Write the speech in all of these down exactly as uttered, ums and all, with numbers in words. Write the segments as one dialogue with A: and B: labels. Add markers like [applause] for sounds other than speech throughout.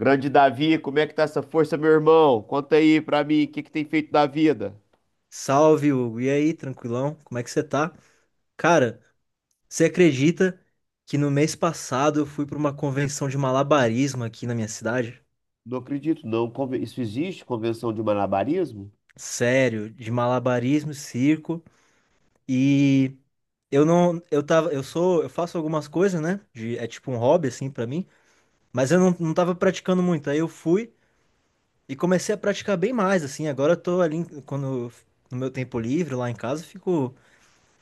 A: Grande Davi, como é que tá essa força, meu irmão? Conta aí pra mim, o que que tem feito da vida?
B: Salve, Hugo. E aí, tranquilão? Como é que você tá? Cara, você acredita que no mês passado eu fui pra uma convenção de malabarismo aqui na minha cidade?
A: Não acredito, não. Conven- Isso existe? Convenção de malabarismo?
B: Sério, de malabarismo, circo e eu não, eu tava, eu sou, eu faço algumas coisas, né? De, é tipo um hobby assim pra mim, mas eu não, não tava praticando muito. Aí eu fui e comecei a praticar bem mais assim. Agora eu tô ali em- quando no meu tempo livre lá em casa, eu fico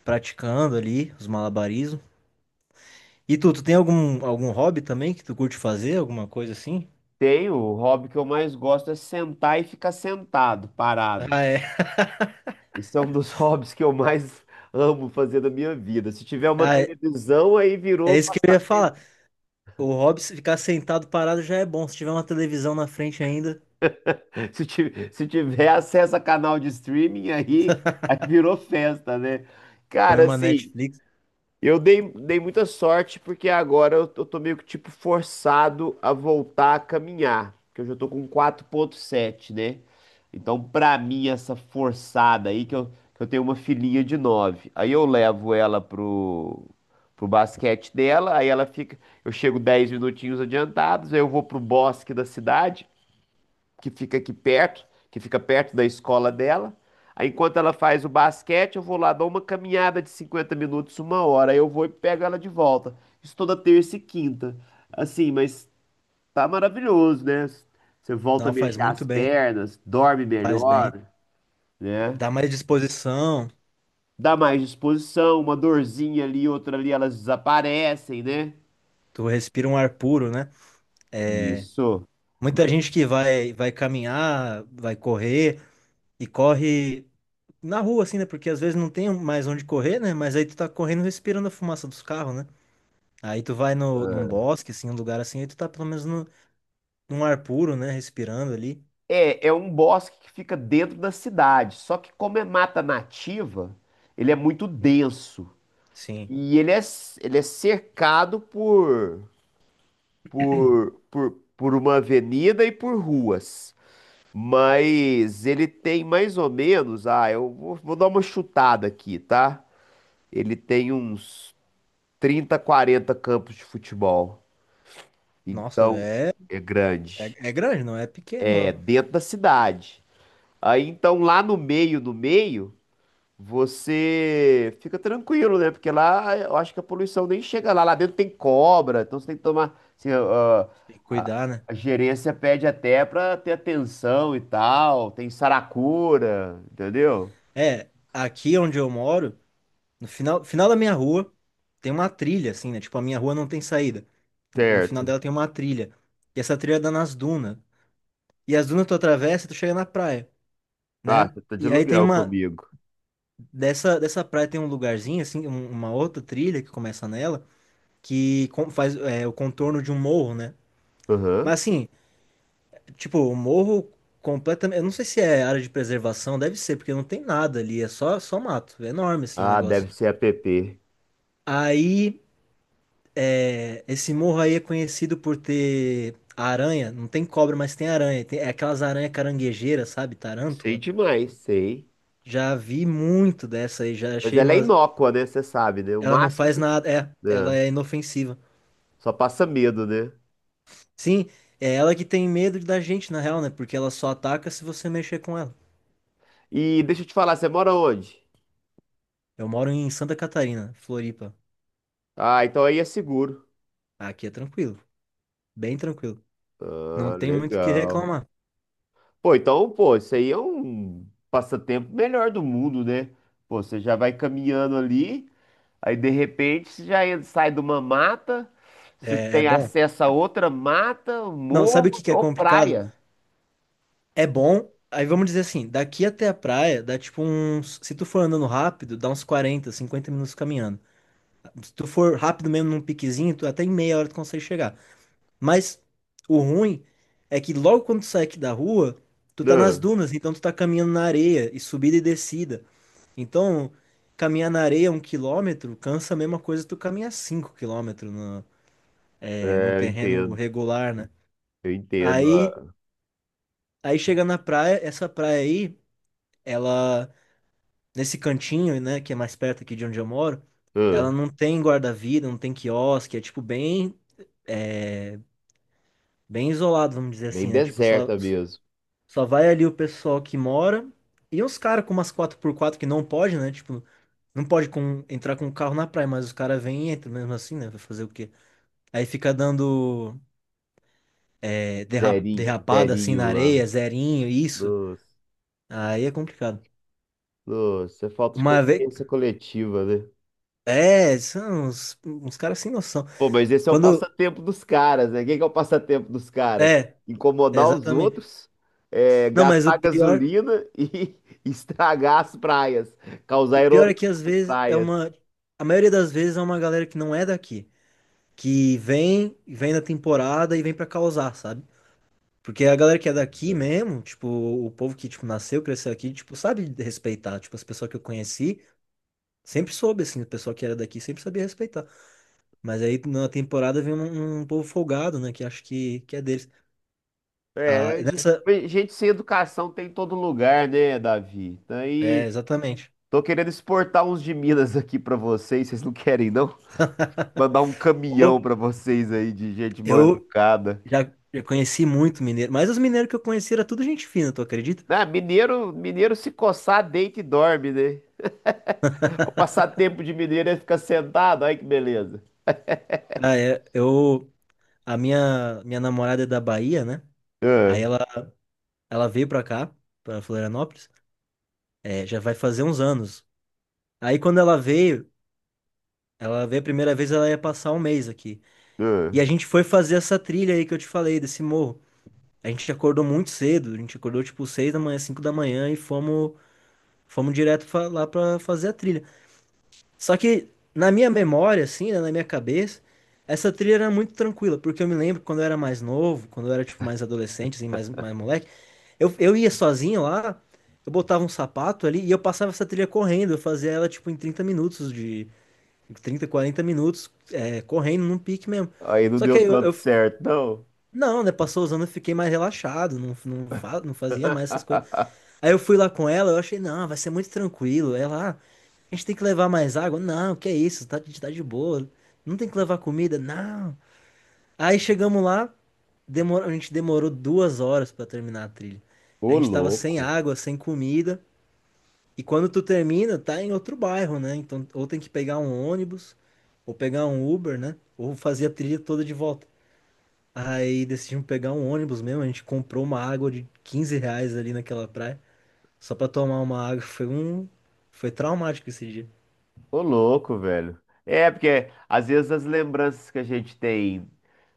B: praticando ali os malabarismos. E tu, tu tem algum, algum hobby também que tu curte fazer? Alguma coisa assim?
A: Tenho, o hobby que eu mais gosto é sentar e ficar sentado, parado.
B: Ah, é.
A: Isso é um dos [laughs] hobbies que eu mais amo fazer na minha vida. Se tiver uma
B: Ah, é
A: televisão, aí
B: é
A: virou
B: isso que eu ia
A: passatempo.
B: falar. O hobby, se ficar sentado parado já é bom. Se tiver uma televisão na frente ainda,
A: [laughs] Se ti- se tiver acesso a canal de streaming, aí, aí virou festa, né?
B: põe
A: Cara,
B: uma
A: assim,
B: Netflix.
A: Eu dei, dei muita sorte porque agora eu, tô eu tô meio que tipo forçado a voltar a caminhar, porque eu já tô com quarenta e sete, né? Então, pra mim, essa forçada aí, que eu, que eu tenho uma filhinha de nove, aí eu levo ela pro, pro basquete dela, aí ela fica, eu chego dez minutinhos adiantados, aí eu vou pro bosque da cidade, que fica aqui perto, que fica perto da escola dela. Aí, enquanto ela faz o basquete, eu vou lá, dou uma caminhada de cinquenta minutos, uma hora. Aí eu vou e pego ela de volta. Isso toda terça e quinta. Assim, mas tá maravilhoso, né? Você volta a
B: Não, faz
A: mexer
B: muito
A: as
B: bem.
A: pernas, dorme
B: Faz bem.
A: melhor, né?
B: Dá mais disposição.
A: Dá mais disposição, uma dorzinha ali, outra ali, elas desaparecem, né?
B: Tu respira um ar puro, né? É,
A: Isso.
B: muita gente que vai, vai caminhar, vai correr e corre na rua, assim, né? Porque às vezes não tem mais onde correr, né? Mas aí tu tá correndo respirando a fumaça dos carros, né? Aí tu vai no, num bosque, assim, um lugar assim, aí tu tá pelo menos no, num ar puro, né? Respirando ali.
A: É, é um bosque que fica dentro da cidade, só que como é mata nativa, ele é muito denso
B: Sim.
A: e ele é, c- ele é cercado por, por, por, por uma avenida e por ruas. Mas ele tem mais ou menos, ah, eu vou, vou dar uma chutada aqui, tá? Ele tem uns trinta, quarenta campos de futebol.
B: Nossa,
A: Então,
B: é,
A: é
B: é,
A: grande.
B: é grande, não é pequeno,
A: É
B: não.
A: dentro da cidade. Aí então lá no meio, no meio, você fica tranquilo, né? Porque lá eu acho que a poluição nem chega lá. Lá dentro tem cobra, então você tem que tomar. Assim, a,
B: Tem que
A: a-
B: cuidar, né?
A: a gerência pede até pra ter atenção e tal. Tem saracura, entendeu?
B: É, aqui onde eu moro, no final, final da minha rua, tem uma trilha, assim, né? Tipo, a minha rua não tem saída. No final
A: Certo.
B: dela tem uma trilha. E essa trilha dá nas dunas. E as dunas tu atravessa e tu chega na praia,
A: Ah,
B: né?
A: você tá de
B: E aí tem
A: aluguel
B: uma.
A: comigo.
B: Dessa, dessa praia tem um lugarzinho, assim, um- uma outra trilha que começa nela. Que con- faz é, o contorno de um morro, né?
A: Aham.
B: Mas assim, tipo, o morro completamente. Eu não sei se é área de preservação, deve ser, porque não tem nada ali, é só, só mato. É enorme assim o
A: Ah,
B: negócio.
A: deve ser app.
B: Aí, é, esse morro aí é conhecido por ter aranha, não tem cobra, mas tem aranha. Tem, é aquelas aranhas caranguejeiras, sabe?
A: Sei
B: Tarântula.
A: demais, sei.
B: Já vi muito dessa aí, já
A: Mas
B: achei,
A: ela é
B: mas
A: inócua, né? Você sabe, né? O
B: ela não
A: máximo
B: faz
A: que.
B: nada. É, ela
A: Né?
B: é inofensiva.
A: Só passa medo, né?
B: Sim, é ela que tem medo da gente, na real, né? Porque ela só ataca se você mexer com ela.
A: E deixa eu te falar, você mora onde?
B: Eu moro em Santa Catarina, Floripa.
A: Ah, então aí é seguro.
B: Aqui é tranquilo, bem tranquilo. Não
A: Ah,
B: tem muito o que
A: legal.
B: reclamar.
A: Pô, então, pô, isso aí é um passatempo melhor do mundo, né? Pô, você já vai caminhando ali, aí de repente você já en- sai de uma mata, você
B: É, é
A: tem
B: bom.
A: acesso a outra mata, um
B: Não, sabe o
A: morro
B: que que é
A: ou
B: complicado?
A: praia.
B: É bom. Aí vamos dizer assim, daqui até a praia dá tipo uns. Se tu for andando rápido, dá uns quarenta, cinquenta minutos caminhando. Se tu for rápido mesmo num piquezinho, tu, até em meia hora tu consegue chegar. Mas o ruim é que logo quando tu sai aqui da rua, tu tá nas
A: Ah,
B: dunas, então tu tá caminhando na areia e subida e descida. Então, caminhar na areia um quilômetro cansa a mesma coisa que tu caminhar cinco quilômetros no, é, num
A: é, eu
B: terreno
A: entendo,
B: regular, né?
A: eu entendo.
B: Aí,
A: ah,
B: aí chega na praia, essa praia aí, ela, nesse cantinho, né, que é mais perto aqui de onde eu moro,
A: ah,
B: ela não tem guarda-vida, não tem quiosque, é tipo bem, é, bem isolado, vamos dizer
A: Bem
B: assim, né? Tipo, só,
A: deserta mesmo.
B: só vai ali o pessoal que mora e uns caras com umas quatro por quatro que não pode, né? Tipo, não pode com, entrar com o carro na praia, mas os caras vêm e entram mesmo assim, né? Vai fazer o quê? Aí fica dando é, derra-
A: Zerinho,
B: derrapada assim
A: zerinho
B: na
A: lá.
B: areia, zerinho, isso.
A: Nossa,
B: Aí é complicado.
A: nossa, é falta de
B: Uma vez.
A: consciência coletiva, né?
B: É, são uns, uns caras sem noção.
A: Pô, mas esse é o
B: Quando.
A: passatempo dos caras, né? Quem que é o passatempo dos caras?
B: É,
A: Incomodar os
B: exatamente.
A: outros, é,
B: Não, mas o
A: gastar
B: pior,
A: gasolina e [laughs] estragar as praias,
B: o
A: causar
B: pior
A: erosão
B: é que às
A: nas
B: vezes é
A: praias.
B: uma. A maioria das vezes é uma galera que não é daqui. Que vem, vem na temporada e vem pra causar, sabe? Porque a galera que é daqui mesmo, tipo, o povo que, tipo, nasceu, cresceu aqui, tipo, sabe respeitar. Tipo, as pessoas que eu conheci, sempre soube, assim, o pessoal que era daqui sempre sabia respeitar. Mas aí na temporada vem um, um povo folgado, né? Que acho que, que é deles. Ah,
A: É, ge-
B: nessa.
A: mas gente sem educação tem em todo lugar, né, Davi? Então, aí,
B: É, exatamente.
A: tô querendo exportar uns de Minas [laughs] aqui pra vocês, vocês não querem, não?
B: [laughs]
A: Mandar um caminhão
B: Pô,
A: pra vocês aí de gente mal
B: eu
A: educada.
B: já, já conheci muito mineiro, mas os mineiros que eu conheci era tudo gente fina, tu acredita?
A: Ah, mineiro, mineiro se coçar, deita e dorme, né? O passatempo de mineiro é ficar sentado, olha que beleza.
B: Ah, é, eu, a minha, minha namorada é da Bahia, né? Aí
A: É,
B: ela, ela veio pra cá, pra Florianópolis, é, já vai fazer uns anos. Aí quando ela veio, ela veio a primeira vez, ela ia passar um mês aqui.
A: é.
B: E a gente foi fazer essa trilha aí que eu te falei, desse morro. A gente acordou muito cedo, a gente acordou tipo seis da manhã, cinco da manhã e fomos, fomos direto pra, lá pra fazer a trilha. Só que na minha memória, assim, né, na minha cabeça, essa trilha era muito tranquila, porque eu me lembro quando eu era mais novo, quando eu era tipo mais adolescente, assim, mais, mais moleque, eu, eu ia sozinho lá, eu botava um sapato ali e eu passava essa trilha correndo, eu fazia ela tipo em trinta minutos de trinta quarenta minutos, é, correndo num pique mesmo.
A: Aí não
B: Só que
A: deu
B: aí eu,
A: tanto
B: eu-
A: certo, não.
B: não, né? Passou os anos, eu fiquei mais relaxado, não, não, fa- não fazia mais essas coisas.
A: [laughs]
B: Aí eu fui lá com ela, eu achei, não, vai ser muito tranquilo. Ela, ah, a gente tem que levar mais água? Não, que é isso, tá, a gente tá de boa. Não tem que levar comida? Não. Aí chegamos lá, demor- a gente demorou duas horas pra terminar a trilha. A
A: Ô
B: gente tava sem
A: louco,
B: água, sem comida. E quando tu termina, tá em outro bairro, né? Então, ou tem que pegar um ônibus, ou pegar um Uber, né? Ou fazer a trilha toda de volta. Aí decidimos pegar um ônibus mesmo, a gente comprou uma água de quinze reais ali naquela praia. Só pra tomar uma água foi um. Foi traumático esse dia.
A: ô louco, velho. É, porque às vezes as lembranças que a gente tem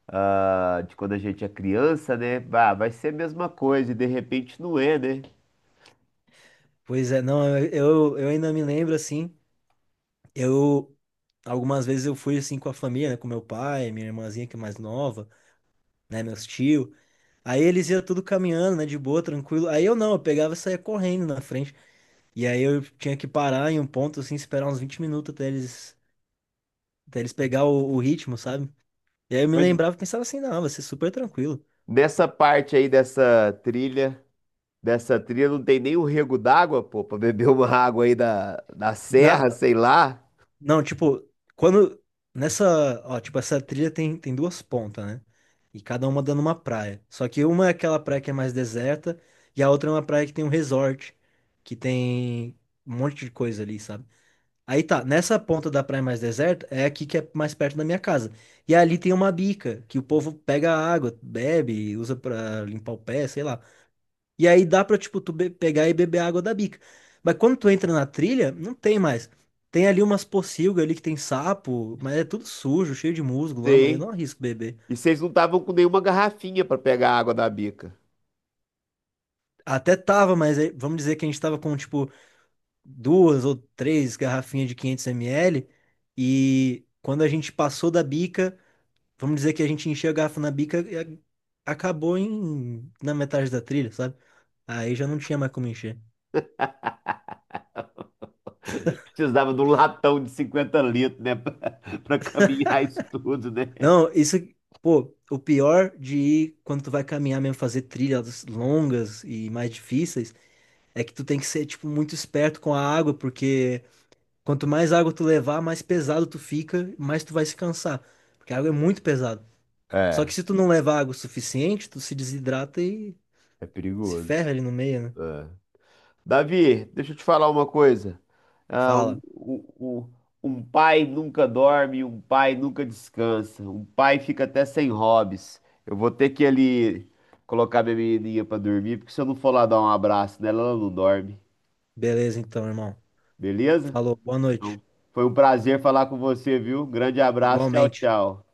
A: ah, de quando a gente é criança, né? Bah, vai ser a mesma coisa e de repente não é, né?
B: Pois é, não, eu, eu ainda me lembro assim. Eu. Algumas vezes eu fui assim com a família, né? Com meu pai, minha irmãzinha que é mais nova, né? Meus tio. Aí eles iam tudo caminhando, né? De boa, tranquilo. Aí eu não, eu pegava e saía correndo na frente. E aí eu tinha que parar em um ponto, assim, esperar uns vinte minutos até eles, até eles pegar o, o ritmo, sabe? E aí eu me
A: Mas
B: lembrava e pensava assim, não, vai ser super tranquilo.
A: nessa parte aí dessa trilha, dessa trilha não tem nem um rego d'água, pô, pra beber uma água aí da, da
B: Na,
A: serra, sei lá.
B: não, tipo, quando. Nessa. Ó, tipo, essa trilha tem, tem duas pontas, né? E cada uma dando uma praia. Só que uma é aquela praia que é mais deserta, e a outra é uma praia que tem um resort, que tem um monte de coisa ali, sabe? Aí tá, nessa ponta da praia mais deserta é aqui que é mais perto da minha casa. E ali tem uma bica, que o povo pega a água, bebe, usa pra limpar o pé, sei lá. E aí dá pra, tipo, tu be- pegar e beber água da bica. Mas quando tu entra na trilha, não tem mais. Tem ali umas pocilgas ali que tem sapo, mas é tudo sujo, cheio de musgo, lama. Eu
A: Sei.
B: não arrisco beber.
A: E vocês não estavam com nenhuma garrafinha para pegar a água da bica.
B: Até tava, mas aí- vamos dizer que a gente tava com, tipo, duas ou três garrafinhas de quinhentos mililitros. E quando a gente passou da bica, vamos dizer que a gente encheu a garrafa na bica e a- acabou em, na metade da trilha, sabe? Aí já não tinha mais como encher.
A: Precisava de um latão de cinquenta litros, né? [laughs] Para caminhar isso tudo, né?
B: Não, isso, pô, o pior de ir quando tu vai caminhar mesmo, fazer trilhas longas e mais difíceis, é que tu tem que ser, tipo, muito esperto com a água, porque quanto mais água tu levar, mais pesado tu fica, mais tu vai se cansar, porque a água é muito pesada. Só que
A: É,
B: se tu não levar água o suficiente, tu se desidrata e
A: é
B: se ferra
A: perigoso.
B: ali no meio, né?
A: É. Davi, deixa eu te falar uma coisa. Ah, um,
B: Fala.
A: um- um- um pai nunca dorme, um pai nunca descansa, um pai fica até sem hobbies. Eu vou ter que ali colocar minha menininha para dormir, porque se eu não for lá dar um abraço nela, ela não dorme.
B: Beleza, então, irmão.
A: Beleza?
B: Falou, boa noite.
A: Então, foi um prazer falar com você, viu? Grande abraço, tchau,
B: Igualmente.
A: tchau.